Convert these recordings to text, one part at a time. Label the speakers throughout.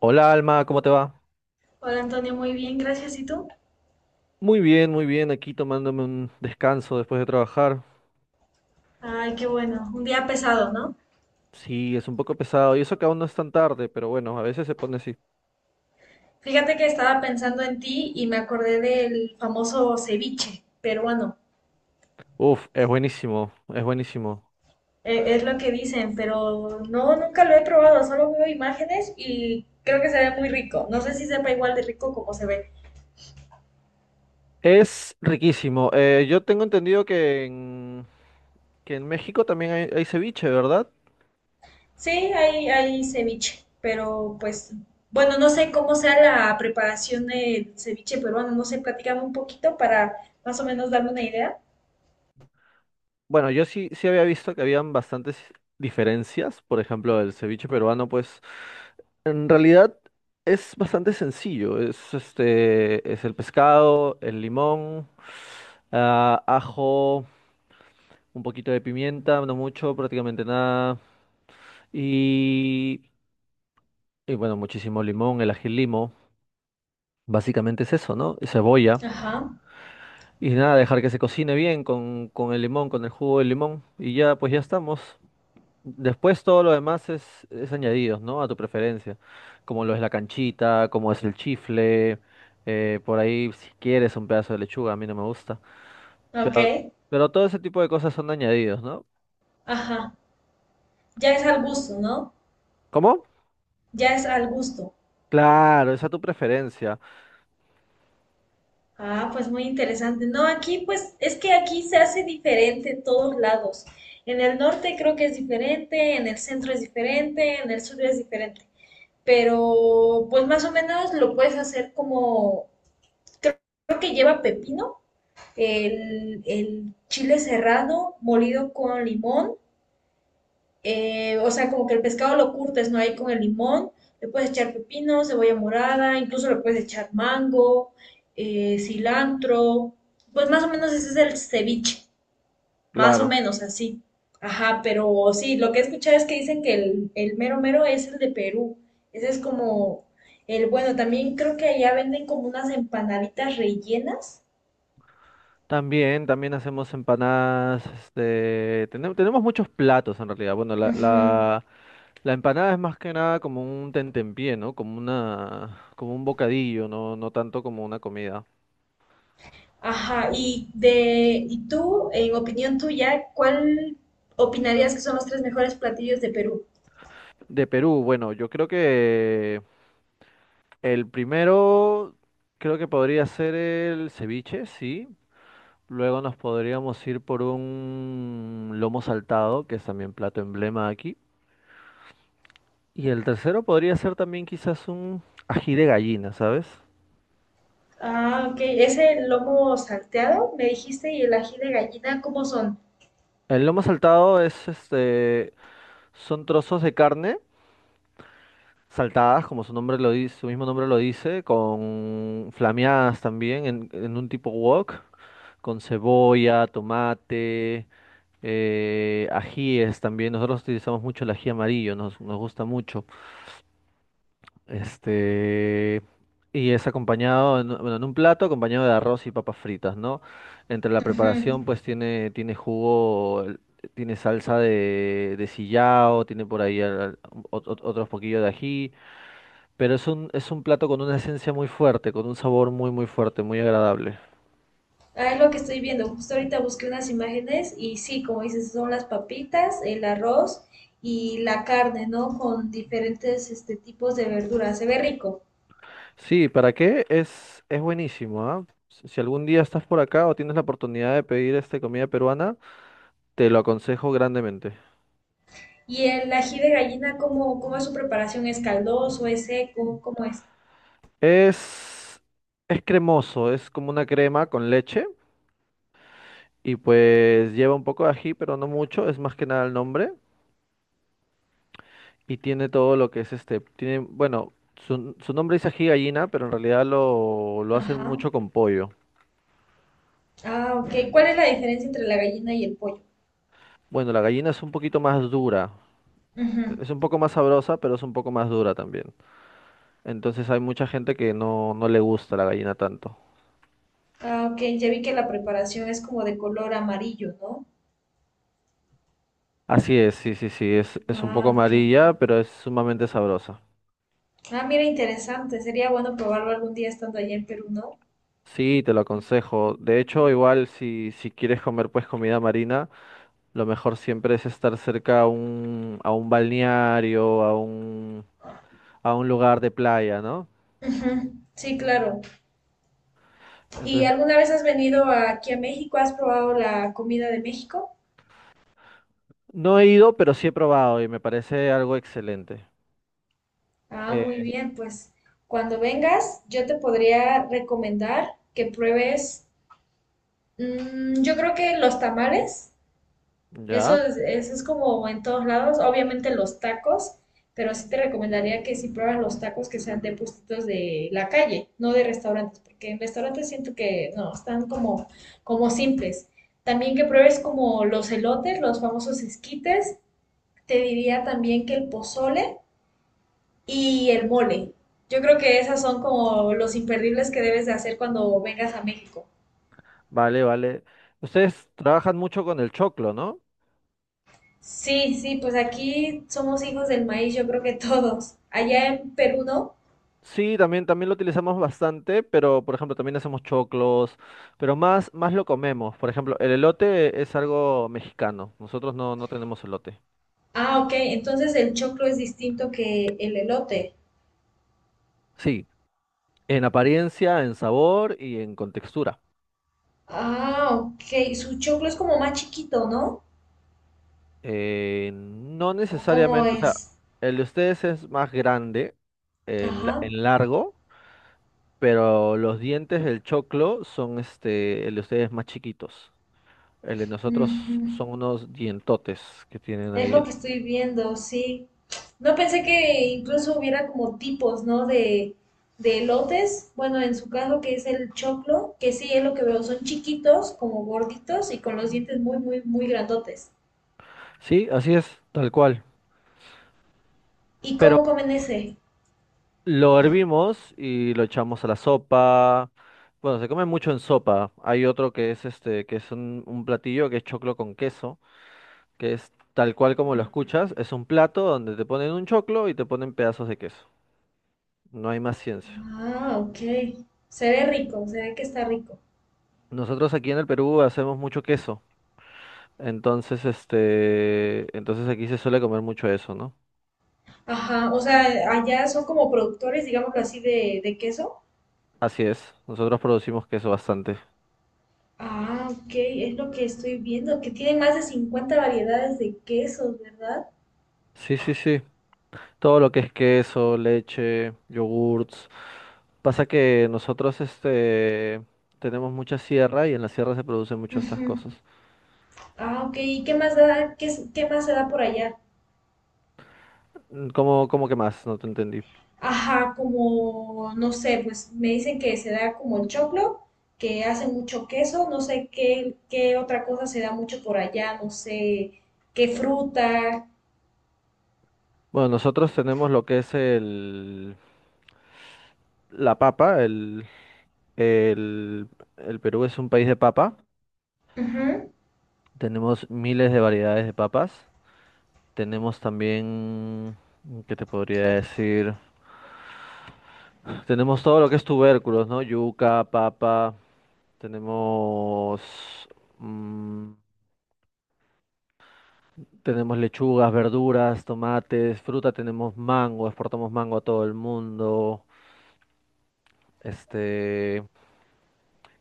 Speaker 1: Hola Alma, ¿cómo te va?
Speaker 2: Hola Antonio, muy bien, gracias. ¿Y tú?
Speaker 1: Muy bien, aquí tomándome un descanso después de trabajar.
Speaker 2: Ay, qué bueno. Un día pesado, ¿no?
Speaker 1: Sí, es un poco pesado, y eso que aún no es tan tarde, pero bueno, a veces se pone así.
Speaker 2: Fíjate que estaba pensando en ti y me acordé del famoso ceviche peruano.
Speaker 1: Uf, es buenísimo, es buenísimo.
Speaker 2: Es lo que dicen, pero no, nunca lo he probado. Solo veo imágenes y creo que se ve muy rico. No sé si sepa igual de rico como se ve.
Speaker 1: Es riquísimo. Yo tengo entendido que en México también hay ceviche, ¿verdad?
Speaker 2: Sí, hay ceviche, pero pues, bueno, no sé cómo sea la preparación del ceviche peruano. No sé, platícame un poquito para más o menos darme una idea.
Speaker 1: Bueno, yo sí, sí había visto que habían bastantes diferencias. Por ejemplo, el ceviche peruano, pues en realidad es bastante sencillo. Es este, es el pescado, el limón, ah, ajo, un poquito de pimienta, no mucho, prácticamente nada. Y, y bueno, muchísimo limón, el ají limo. Básicamente es eso, ¿no? Y cebolla.
Speaker 2: Ajá,
Speaker 1: Y nada, dejar que se cocine bien con el limón, con el jugo del limón. Y ya, pues ya estamos. Después todo lo demás es añadidos, ¿no? A tu preferencia. Como lo es la canchita, como es el chifle, por ahí si quieres un pedazo de lechuga, a mí no me gusta.
Speaker 2: ok,
Speaker 1: Pero, pero todo ese tipo de cosas son añadidos, ¿no?
Speaker 2: ajá. Ya es al gusto, ¿no?
Speaker 1: ¿Cómo?
Speaker 2: Ya es al gusto.
Speaker 1: Claro, es a tu preferencia,
Speaker 2: Ah, pues muy interesante. No, aquí pues es que aquí se hace diferente en todos lados. En el norte creo que es diferente, en el centro es diferente, en el sur es diferente. Pero pues más o menos lo puedes hacer como, creo, creo que lleva pepino, el chile cerrado molido con limón, o sea, como que el pescado lo curtes, ¿no? Ahí con el limón, le puedes echar pepino, cebolla morada, incluso le puedes echar mango, cilantro, pues más o menos ese es el ceviche, más o
Speaker 1: claro.
Speaker 2: menos así. Ajá, pero sí, lo que he escuchado es que dicen que el mero mero es el de Perú. Ese es como el bueno. También creo que allá venden como unas empanaditas rellenas.
Speaker 1: También, también hacemos empanadas, este, tenemos, tenemos muchos platos en realidad. Bueno,
Speaker 2: Ujú.
Speaker 1: la empanada es más que nada como un tentempié, ¿no? Como una, como un bocadillo, no, no tanto como una comida.
Speaker 2: Ajá, y tú, en opinión tuya, ¿cuál opinarías que son los tres mejores platillos de Perú?
Speaker 1: De Perú, bueno, yo creo que el primero, creo que podría ser el ceviche, sí. Luego nos podríamos ir por un lomo saltado, que es también plato emblema aquí. Y el tercero podría ser también quizás un ají de gallina, ¿sabes?
Speaker 2: Ah, ok. Ese lomo salteado, me dijiste, y el ají de gallina, ¿cómo son?
Speaker 1: El lomo saltado es este, son trozos de carne saltadas, como su nombre lo dice, su mismo nombre lo dice, con flameadas también en un tipo wok, con cebolla, tomate. Ajíes también, nosotros utilizamos mucho el ají amarillo, nos, nos gusta mucho. Este, y es acompañado, en, bueno, en un plato acompañado de arroz y papas fritas, ¿no? Entre la
Speaker 2: Ujú.
Speaker 1: preparación, pues tiene, tiene jugo, tiene salsa de sillao, tiene por ahí otros poquillos de ají, pero es un plato con una esencia muy fuerte, con un sabor muy, muy fuerte, muy agradable.
Speaker 2: Ah, es lo que estoy viendo. Justo ahorita busqué unas imágenes y sí, como dices, son las papitas, el arroz y la carne, ¿no? Con diferentes este, tipos de verduras. Se ve rico.
Speaker 1: Sí, ¿para qué? Es buenísimo, ¿ah? Si si algún día estás por acá o tienes la oportunidad de pedir este comida peruana, te lo aconsejo grandemente.
Speaker 2: ¿Y el ají de gallina, cómo es su preparación? ¿Es caldoso? ¿Es seco? ¿Cómo es?
Speaker 1: Es, es cremoso, es como una crema con leche y pues lleva un poco de ají, pero no mucho, es más que nada el nombre y tiene todo lo que es este, tiene, bueno, su nombre es ají gallina, pero en realidad lo hacen
Speaker 2: Ajá.
Speaker 1: mucho con pollo.
Speaker 2: Ah, ok. ¿Cuál es la diferencia entre la gallina y el pollo?
Speaker 1: Bueno, la gallina es un poquito más dura,
Speaker 2: Ujú.
Speaker 1: es un poco más sabrosa, pero es un poco más dura también. Entonces hay mucha gente que no, no le gusta la gallina tanto.
Speaker 2: Ah, ok. Ya vi que la preparación es como de color amarillo, ¿no?
Speaker 1: Así es, sí, sí, sí, es un poco
Speaker 2: Ah, ok.
Speaker 1: amarilla, pero es sumamente sabrosa.
Speaker 2: Ah, mira, interesante. Sería bueno probarlo algún día estando allá en Perú, ¿no?
Speaker 1: Sí, te lo aconsejo. De hecho, igual si, si quieres comer pues comida marina, lo mejor siempre es estar cerca a un balneario, a un lugar de playa, ¿no?
Speaker 2: Ujú. Sí, claro. ¿Y
Speaker 1: Entonces,
Speaker 2: alguna vez has venido aquí a México? ¿Has probado la comida de México?
Speaker 1: no he ido, pero sí he probado y me parece algo excelente.
Speaker 2: Ah, muy
Speaker 1: Eh,
Speaker 2: bien. Pues cuando vengas, yo te podría recomendar que pruebes, yo creo que los tamales.
Speaker 1: ya,
Speaker 2: Eso es como en todos lados. Obviamente los tacos, pero sí te recomendaría que si pruebas los tacos que sean de puestitos de la calle, no de restaurantes, porque en restaurantes siento que no, están como, como simples. También que pruebes como los elotes, los famosos esquites. Te diría también que el pozole y el mole. Yo creo que esas son como los imperdibles que debes de hacer cuando vengas a México.
Speaker 1: vale, vale. Ustedes trabajan mucho con el choclo, ¿no?
Speaker 2: Sí, sí, pues aquí somos hijos del maíz, yo creo que todos. Allá en Perú, ¿no?
Speaker 1: Sí, también, también lo utilizamos bastante, pero por ejemplo también hacemos choclos, pero más, más lo comemos. Por ejemplo, el elote es algo mexicano. Nosotros no, no tenemos elote.
Speaker 2: Ah, ok. Entonces el choclo es distinto que el elote.
Speaker 1: Sí, en apariencia, en sabor y en contextura.
Speaker 2: Ah, ok. Su choclo es como más chiquito, ¿no?
Speaker 1: No
Speaker 2: ¿O cómo
Speaker 1: necesariamente, o sea,
Speaker 2: es?
Speaker 1: el de ustedes es más grande en,
Speaker 2: Ajá.
Speaker 1: en largo, pero los dientes del choclo son este, el de ustedes más chiquitos. El de nosotros
Speaker 2: Ujú.
Speaker 1: son unos dientotes que tienen
Speaker 2: Es
Speaker 1: ahí.
Speaker 2: lo que estoy viendo, sí. No pensé que incluso hubiera como tipos, ¿no? De elotes. Bueno, en su caso que es el choclo, que sí es lo que veo. Son chiquitos, como gorditos y con los dientes muy, muy, muy grandotes.
Speaker 1: Sí, así es, tal cual.
Speaker 2: ¿Y
Speaker 1: Pero
Speaker 2: cómo comen ese?
Speaker 1: lo hervimos y lo echamos a la sopa. Bueno, se come mucho en sopa. Hay otro que es este, que es un platillo que es choclo con queso, que es tal cual como lo escuchas, es un plato donde te ponen un choclo y te ponen pedazos de queso. No hay más ciencia.
Speaker 2: Ah, ok. Se ve rico, se ve que está rico.
Speaker 1: Nosotros aquí en el Perú hacemos mucho queso. Entonces, este, entonces aquí se suele comer mucho eso, ¿no?
Speaker 2: Ajá, o sea, allá son como productores, digámoslo así, de queso.
Speaker 1: Así es. Nosotros producimos queso bastante.
Speaker 2: Ah, ok, es lo que estoy viendo, que tienen más de 50 variedades de quesos, ¿verdad?
Speaker 1: Sí, sí, sí. Todo lo que es queso, leche, yogurts. Pasa que nosotros este tenemos mucha sierra y en la sierra se producen muchas estas
Speaker 2: Ujú.
Speaker 1: cosas.
Speaker 2: Ah, ok, ¿y qué más da, qué, es- qué más se da por allá?
Speaker 1: Mm, ¿cómo, cómo que más? No te entendí.
Speaker 2: Ajá, como, no sé, pues me dicen que se da como el choclo, que hace mucho queso, no sé qué, qué otra cosa se da mucho por allá, no sé, qué fruta.
Speaker 1: Bueno, nosotros tenemos lo que es el la papa, el, el Perú es un país de papa.
Speaker 2: Ujú.
Speaker 1: Tenemos miles de variedades de papas. Tenemos también, ¿qué te podría decir? Tenemos todo lo que es tubérculos, ¿no? Yuca, papa. Tenemos, mm, tenemos lechugas, verduras, tomates, fruta, tenemos mango, exportamos mango a todo el mundo. Este,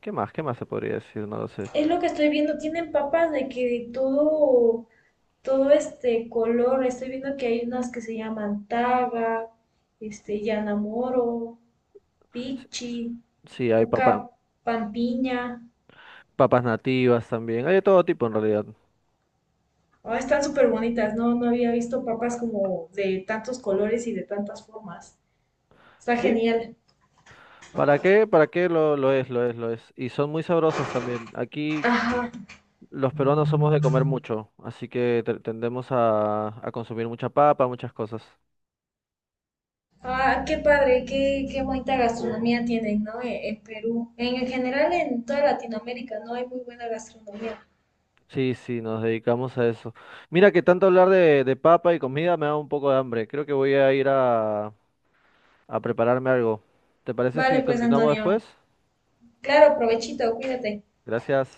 Speaker 1: ¿qué más? ¿Qué más se podría decir? No lo sé.
Speaker 2: Es lo que estoy viendo, tienen papas de que de todo este color. Estoy viendo que hay unas que se llaman Taga, este, Yanamoro,
Speaker 1: S-
Speaker 2: Pichi,
Speaker 1: Sí, hay
Speaker 2: Puca Pampiña.
Speaker 1: papas nativas también. Hay de todo tipo en realidad.
Speaker 2: Ah, están súper bonitas, ¿no? No había visto papas como de tantos colores y de tantas formas. Está
Speaker 1: Sí.
Speaker 2: genial.
Speaker 1: ¿Para qué? ¿Para qué lo es? Lo es, lo es. Y son muy sabrosas también. Aquí
Speaker 2: Ajá.
Speaker 1: los peruanos somos de comer mucho, así que tendemos a consumir mucha papa, muchas cosas.
Speaker 2: Ah, qué padre, qué bonita gastronomía tienen, ¿no? E- En Perú. En general, en toda Latinoamérica, ¿no? Hay muy buena gastronomía.
Speaker 1: Sí, sí, nos dedicamos a eso. Mira que tanto hablar de papa y comida me da un poco de hambre. Creo que voy a ir a prepararme algo. ¿Te parece
Speaker 2: Vale,
Speaker 1: si
Speaker 2: pues,
Speaker 1: continuamos
Speaker 2: Antonio.
Speaker 1: después?
Speaker 2: Claro, provechito, cuídate.
Speaker 1: Gracias.